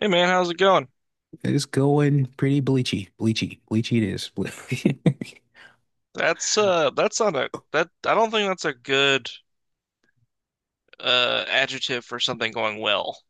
Hey man, how's it going? It is going pretty bleachy. Bleachy. Bleachy it is. That's that's not a that I don't think that's a good adjective for something going well,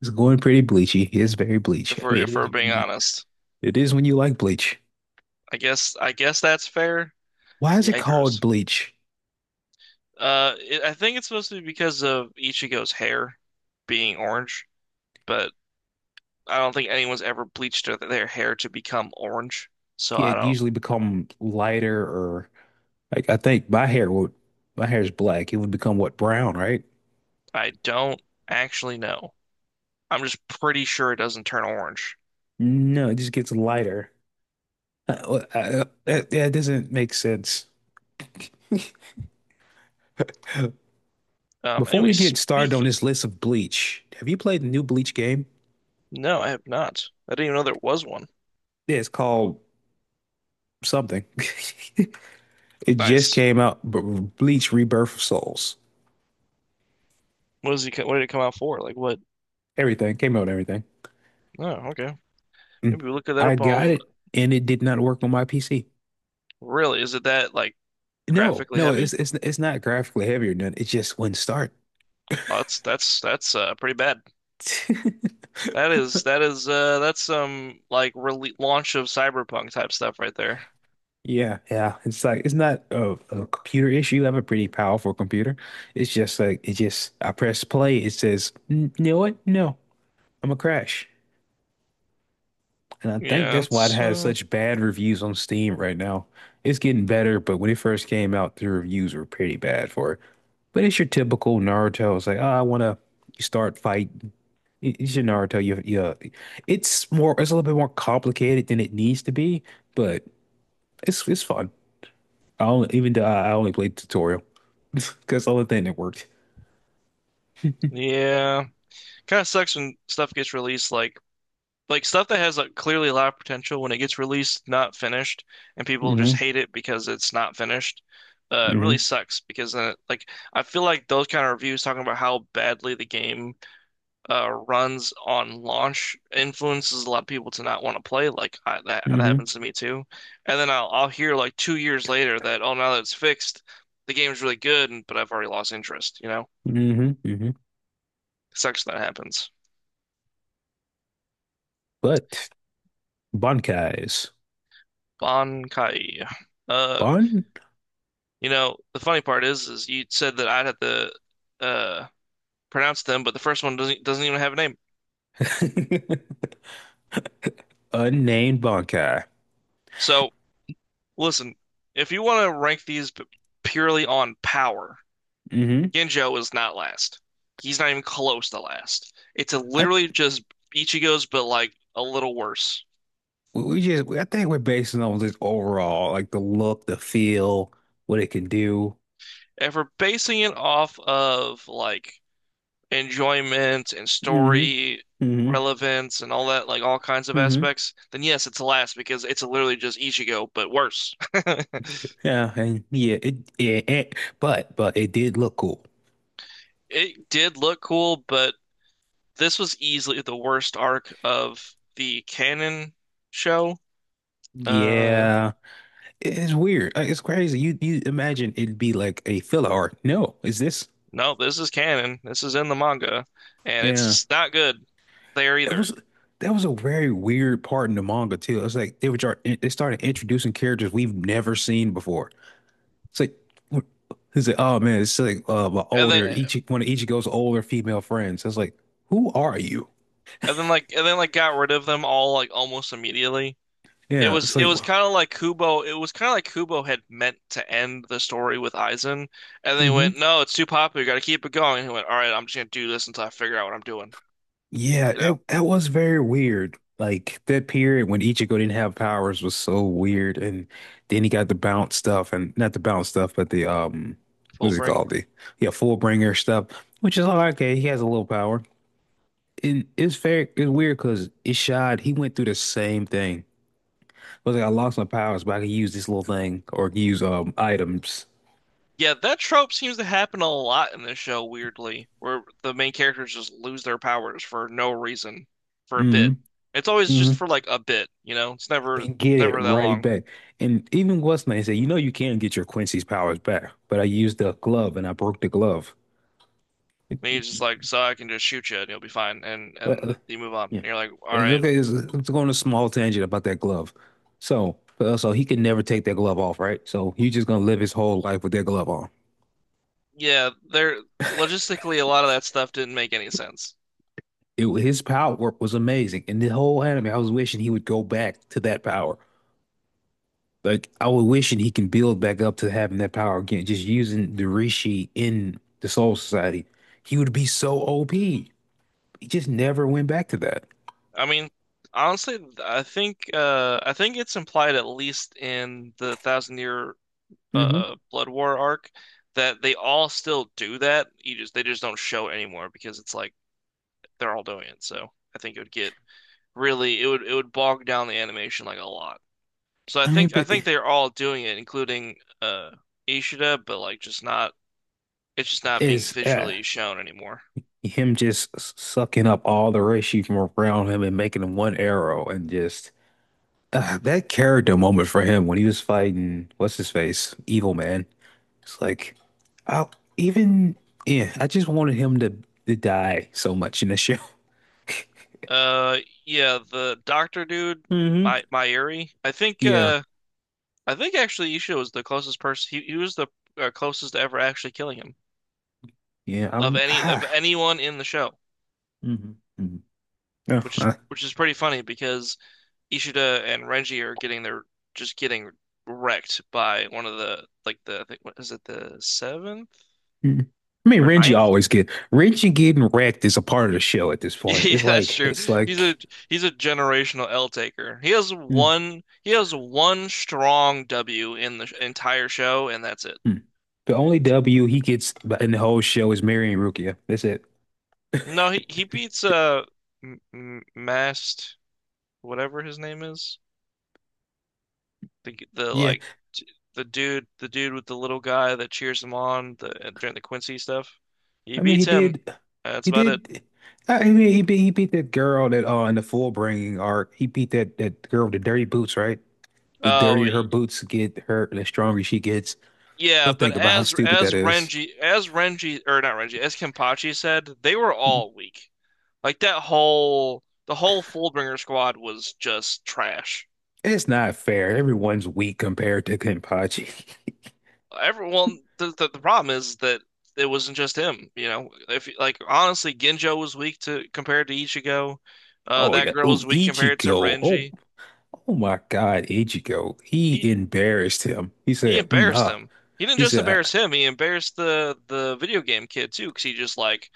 It's going pretty bleachy. It is very bleach. if I we're mean, it if is we're when being you, honest. it is when you like bleach. I guess that's fair. Why is it called Yikers. bleach? I think it's supposed to be because of Ichigo's hair being orange, but I don't think anyone's ever bleached their hair to become orange. So Yeah, I it don't usually become lighter or like I think my hair would my hair is black. It would become what brown, right? I don't actually know. I'm just pretty sure it doesn't turn orange. No, it just gets lighter. That doesn't make sense. Um Before we anyway, get started on speaking. this list of bleach, have you played the new bleach game? No, I have not. I didn't even know there was one. Yeah, it's called something. It just Nice. came out. Bleach Rebirth of Souls. What does he? Co- What did it come out for? Like what? Everything came out. And everything. Oh, okay. Mm. Maybe we look at that I up got on. it, and it did not work on my PC. Really, is it that like No, graphically no, it's heavy? it's it's not graphically heavy or nothing. It just wouldn't start. Well, that's pretty bad. That is that's some like rele launch of Cyberpunk type stuff right there. Yeah, yeah. It's like it's not a computer issue. I have a pretty powerful computer. It's just like it just. I press play. It says, You know what? No, I'm a crash. And I think Yeah, that's why it it's has uh, such bad reviews on Steam right now. It's getting better, but when it first came out, the reviews were pretty bad for it. But it's your typical Naruto. It's like, oh, I want to start fight. It's your Naruto. You, yeah. It's a little bit more complicated than it needs to be, but it's fun. Even though I only played tutorial because that's the only thing that worked. yeah. Kind of sucks when stuff gets released like stuff that has like clearly a lot of potential when it gets released, not finished, and people just hmm hate it because it's not finished. It really hmm sucks because then it, like I feel like those kind of reviews talking about how badly the game runs on launch influences a lot of people to not want to play. Like that that hmm happens to me too, and then I'll hear like 2 years later that oh now that it's fixed, the game's really good, but I've already lost interest. You know, hmm hmm sucks that happens. But Bankai's Bankai. Uh, Bon. You know, the funny part is you said that I'd have to uh, pronounce them, but the first one doesn't even have a name. Unnamed Bunkai. So listen, if you want to rank purely on power, Mm-hmm. Genjo is not last. He's not even close to last. It's a I literally just Ichigo's, but like a little worse. We just, I think, we're basing on this overall, like the look, the feel, what it can do. And for basing it off of like enjoyment and Mm-hmm. story Mm-hmm. relevance and all that, like all kinds of Mm-hmm. aspects, then yes, it's last because it's literally just Ichigo, but worse. Yeah, and yeah, it, but it did look cool. It did look cool, but this was easily the worst arc of the canon show. Uh, Yeah, it's weird. Like, it's crazy. You imagine it'd be like a filler art. No, is this? no, this is canon. This is in the manga, and Yeah, it's not good there it either. was. That was a very weird part in the manga too. It's like they started introducing characters we've never seen before. It's like, what- it's like, oh man, it's like my And then, older each one of Ichigo's older female friends. I was like, who are you? And then like, got rid of them all like almost immediately. It Yeah, was it's it like, was kind of like Kubo. It was kind of like Kubo had meant to end the story with Aizen, and they went, hmm, "No, it's too popular. You got to keep it going." And he went, "All right, I'm just gonna do this until I figure out what I'm doing." yeah, You know, it that was very weird. Like that period when Ichigo didn't have powers was so weird, and then he got the bounce stuff, and not the bounce stuff, but the full what's it bring. called? The Yeah, Fullbringer stuff, which is all right, okay. He has a little power, and it's weird because Ishad he went through the same thing. Was like, I lost my powers, but I could use this little thing or use items. Yeah, that trope seems to happen a lot in this show, weirdly, where the main characters just lose their powers for no reason for a bit. Hmm, It's always just hmm. for like a bit, you know. It's never And get it never that right long. back. And even what's name said, you know, you can get your Quincy's powers back, but I used the glove and I broke the glove. And he's just like, "So I can just shoot you, and you'll be fine," But, uh, and you move on. And Yeah. you're like, "All It's right." okay, it's going a small tangent about that glove. So, so he could never take that glove off, right? So he's just gonna live his whole life with that glove on. Yeah, there logistically a lot of that stuff didn't make any sense. His power was amazing, and the whole anime, I was wishing he would go back to that power. Like I was wishing he can build back up to having that power again, just using the Rishi in the Soul Society. He would be so OP. He just never went back to that. I mean, honestly, I think I think it's implied at least in the Thousand Year Hmm. Blood War arc that they all still do that. You just, they just don't show it anymore because it's like they're all doing it. So I think it would get really it would bog down the animation like a lot. So I I mean, think I but think they're all doing it, including uh Ishida, but like just not it's just not being is visually shown anymore. him just sucking up all the Rishi from around him and making him one arrow, and just that character moment for him when he was fighting what's his face, Evil Man. It's like, I even yeah, I just wanted him to die so much in the show. Uh, yeah, the doctor dude, Hmm. my Myuri. I think Yeah. uh I think actually Ishida was the closest person. He was the closest to ever actually killing him Yeah, I, of w- any of ah, anyone in the show, mhm, mhm. No, which is I, which is pretty funny because Ishida and Renji are getting their just getting wrecked by one of the like the I think what is it the seventh mm. I mean, or Renji ninth? always get, Renji getting wrecked is a part of the show at this point. Yeah, that's true. It's He's a like he's a generational L taker. Mm, He has one strong W in the entire show, and that's it. mm. The only W he gets in the whole show is marrying Rukia. That's it. No, he beats M M- Mast whatever his name is. The Yeah, like t- the dude with the little guy that cheers him on the during the Quincy stuff. He I mean, beats him. That's he about it. did. I mean, he beat that girl that in the full bringing arc. He beat that girl with the dirty boots, right? The Oh dirtier her y- boots get, her the stronger she gets. yeah, Don't but think about how stupid that is. As Renji or not Renji as Kenpachi said, they were all weak. Like that whole the whole Fullbringer squad was just trash. It's not fair. Everyone's weak compared to Kenpachi. Everyone the problem is that it wasn't just him, you know. If like honestly, Genjo was weak to compared to Ichigo. Oh That yeah. girl Ooh, was weak compared to Ichigo. Oh, Renji. oh my God, Ichigo. He He embarrassed him. He he said, embarrassed him. He didn't he just said, embarrass him, he embarrassed the video game kid too. Because he just like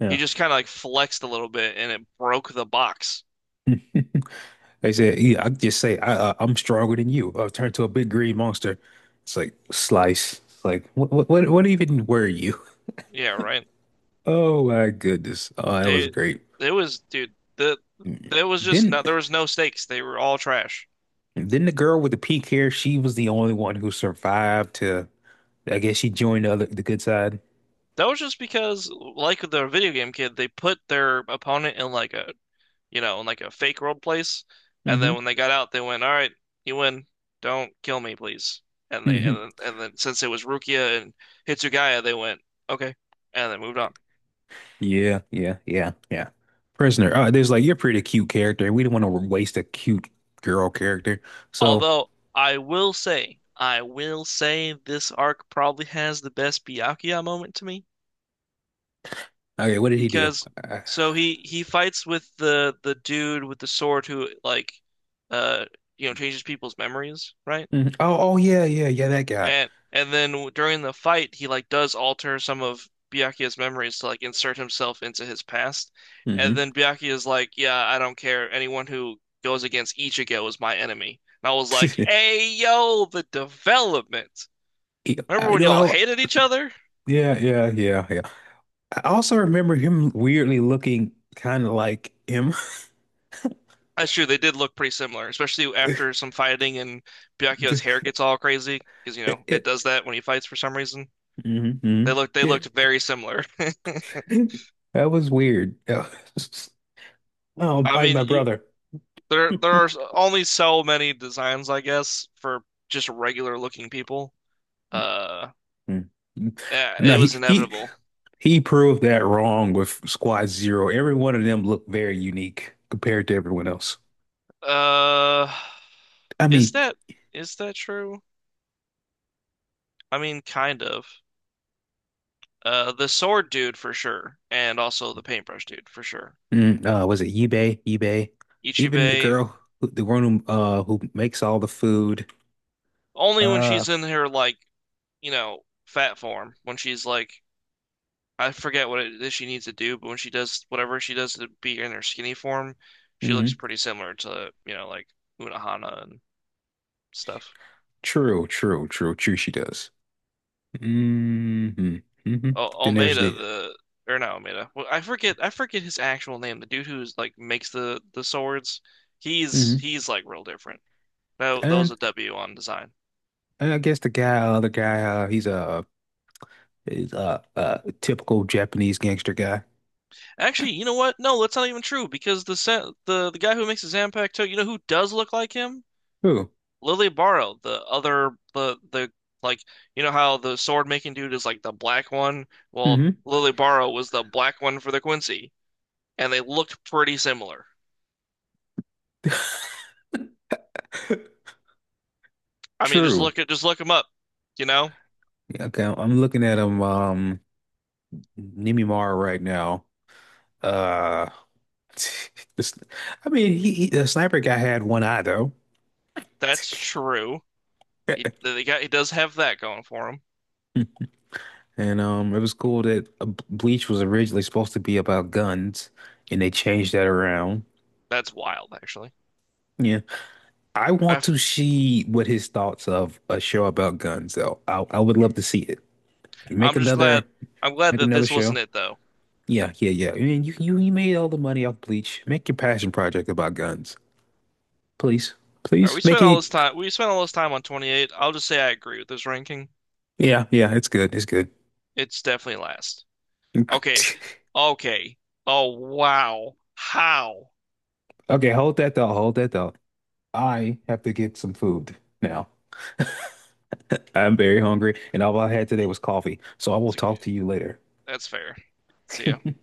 yeah. he just kind of like flexed a little bit and it broke the box. They said, yeah, I just say I'm stronger than you. I'll turn to a big green monster. It's like slice. It's like what even were you? Yeah, right. Oh my goodness. Oh, that was They great. it was dude, there was just Then, no there was no stakes. They were all trash. then the girl with the pink hair. She was the only one who survived to. I guess she joined the other the good side. That was just because, like the video game kid, they put their opponent in like a, you know, in like a fake world place, and then Hmm, when they got out, they went, "All right, you win. Don't kill me, please." Hmm. And then since it was Rukia and Hitsugaya, they went, "Okay," and then moved on. Yeah. Prisoner. There's like you're a pretty cute character. We didn't want to waste a cute girl character. So, Although I will say this arc probably has the best Byakuya moment to me. okay, what did he do? Because Uh, so he fights with the dude with the sword who like uh you know changes people's memories, right? mhm. Oh, that guy. And then during the fight he like does alter some of Byakuya's memories to like insert himself into his past. And Hmm. then Byakuya's like, "Yeah, I don't care. Anyone who goes against Ichigo is my enemy." And I was like, "Hey, yo, the development. He, I Remember when y'all know. hated each other?" Yeah. I also remember him weirdly looking kind of like him. That's true. They did look pretty similar, especially after some fighting and Byakuyo's The- hair gets all crazy because you know it it- does that when he fights for some reason. mhm, They mhm. looked they Yeah. looked very similar. That was weird. Oh, I'm I fighting mean, my you, brother. there there are only so many designs, I guess, for just regular looking people. Uh, Mm. yeah, No, it was he inevitable. He proved that wrong with Squad Zero. Every one of them looked very unique compared to everyone else. Uh, I is mean, that is that true? I mean, kind of. The sword dude for sure, and also the paintbrush dude for sure. Was it Yubei? Yubei? Even the Ichibei. girl, the one who makes all the food. Only when Uh, she's in her like, you know, fat form, when she's like I forget what it is she needs to do, but when she does whatever she does to be in her skinny form, she looks mhm. pretty similar to, you know, like Unohana and stuff. True. She does. Hmm, hmm. O Then there's Omeda the the or not Omeda. Well, I forget his actual name. The dude who's like makes the swords, he's hmm, he's like real different. No, that was and a W on design. I guess the guy, other guy. He's a, he's a typical Japanese gangster guy. Actually, you know what? No, that's not even true because the guy who makes the Zanpakuto, you know who does look like him? Who? Lily Barrow, the the like you know how the sword making dude is like the black one? Well, Hmm. Lily Barrow was the black one for the Quincy, and they looked pretty similar. I mean, True. Just look him up. You know, Yeah, okay, I'm looking at him. Nimimara, right now. Uh, this, I mean, he the sniper guy had one eye though. that's true. He the guy he does have that going for him. And it was cool that Bleach was originally supposed to be about guns, and they changed that around. That's wild, actually. Yeah, I i want to see what his thoughts of a show about guns though. I would love to see it. Make I'm just glad another, I'm glad make that another this show. wasn't it though. Yeah, yeah, yeah. I mean, you made all the money off Bleach. Make your passion project about guns, please, All right, please make it. We spent all this time on 28. I'll just say I agree with this ranking. Yeah, yeah, it's good. It's good. It's definitely last. Okay. Okay. Oh, wow. How? Okay, hold that thought. Hold that thought. I have to get some food now. I'm very hungry, and all I had today was coffee. So I will It's like, yeah, talk to you later. that's fair. See ya.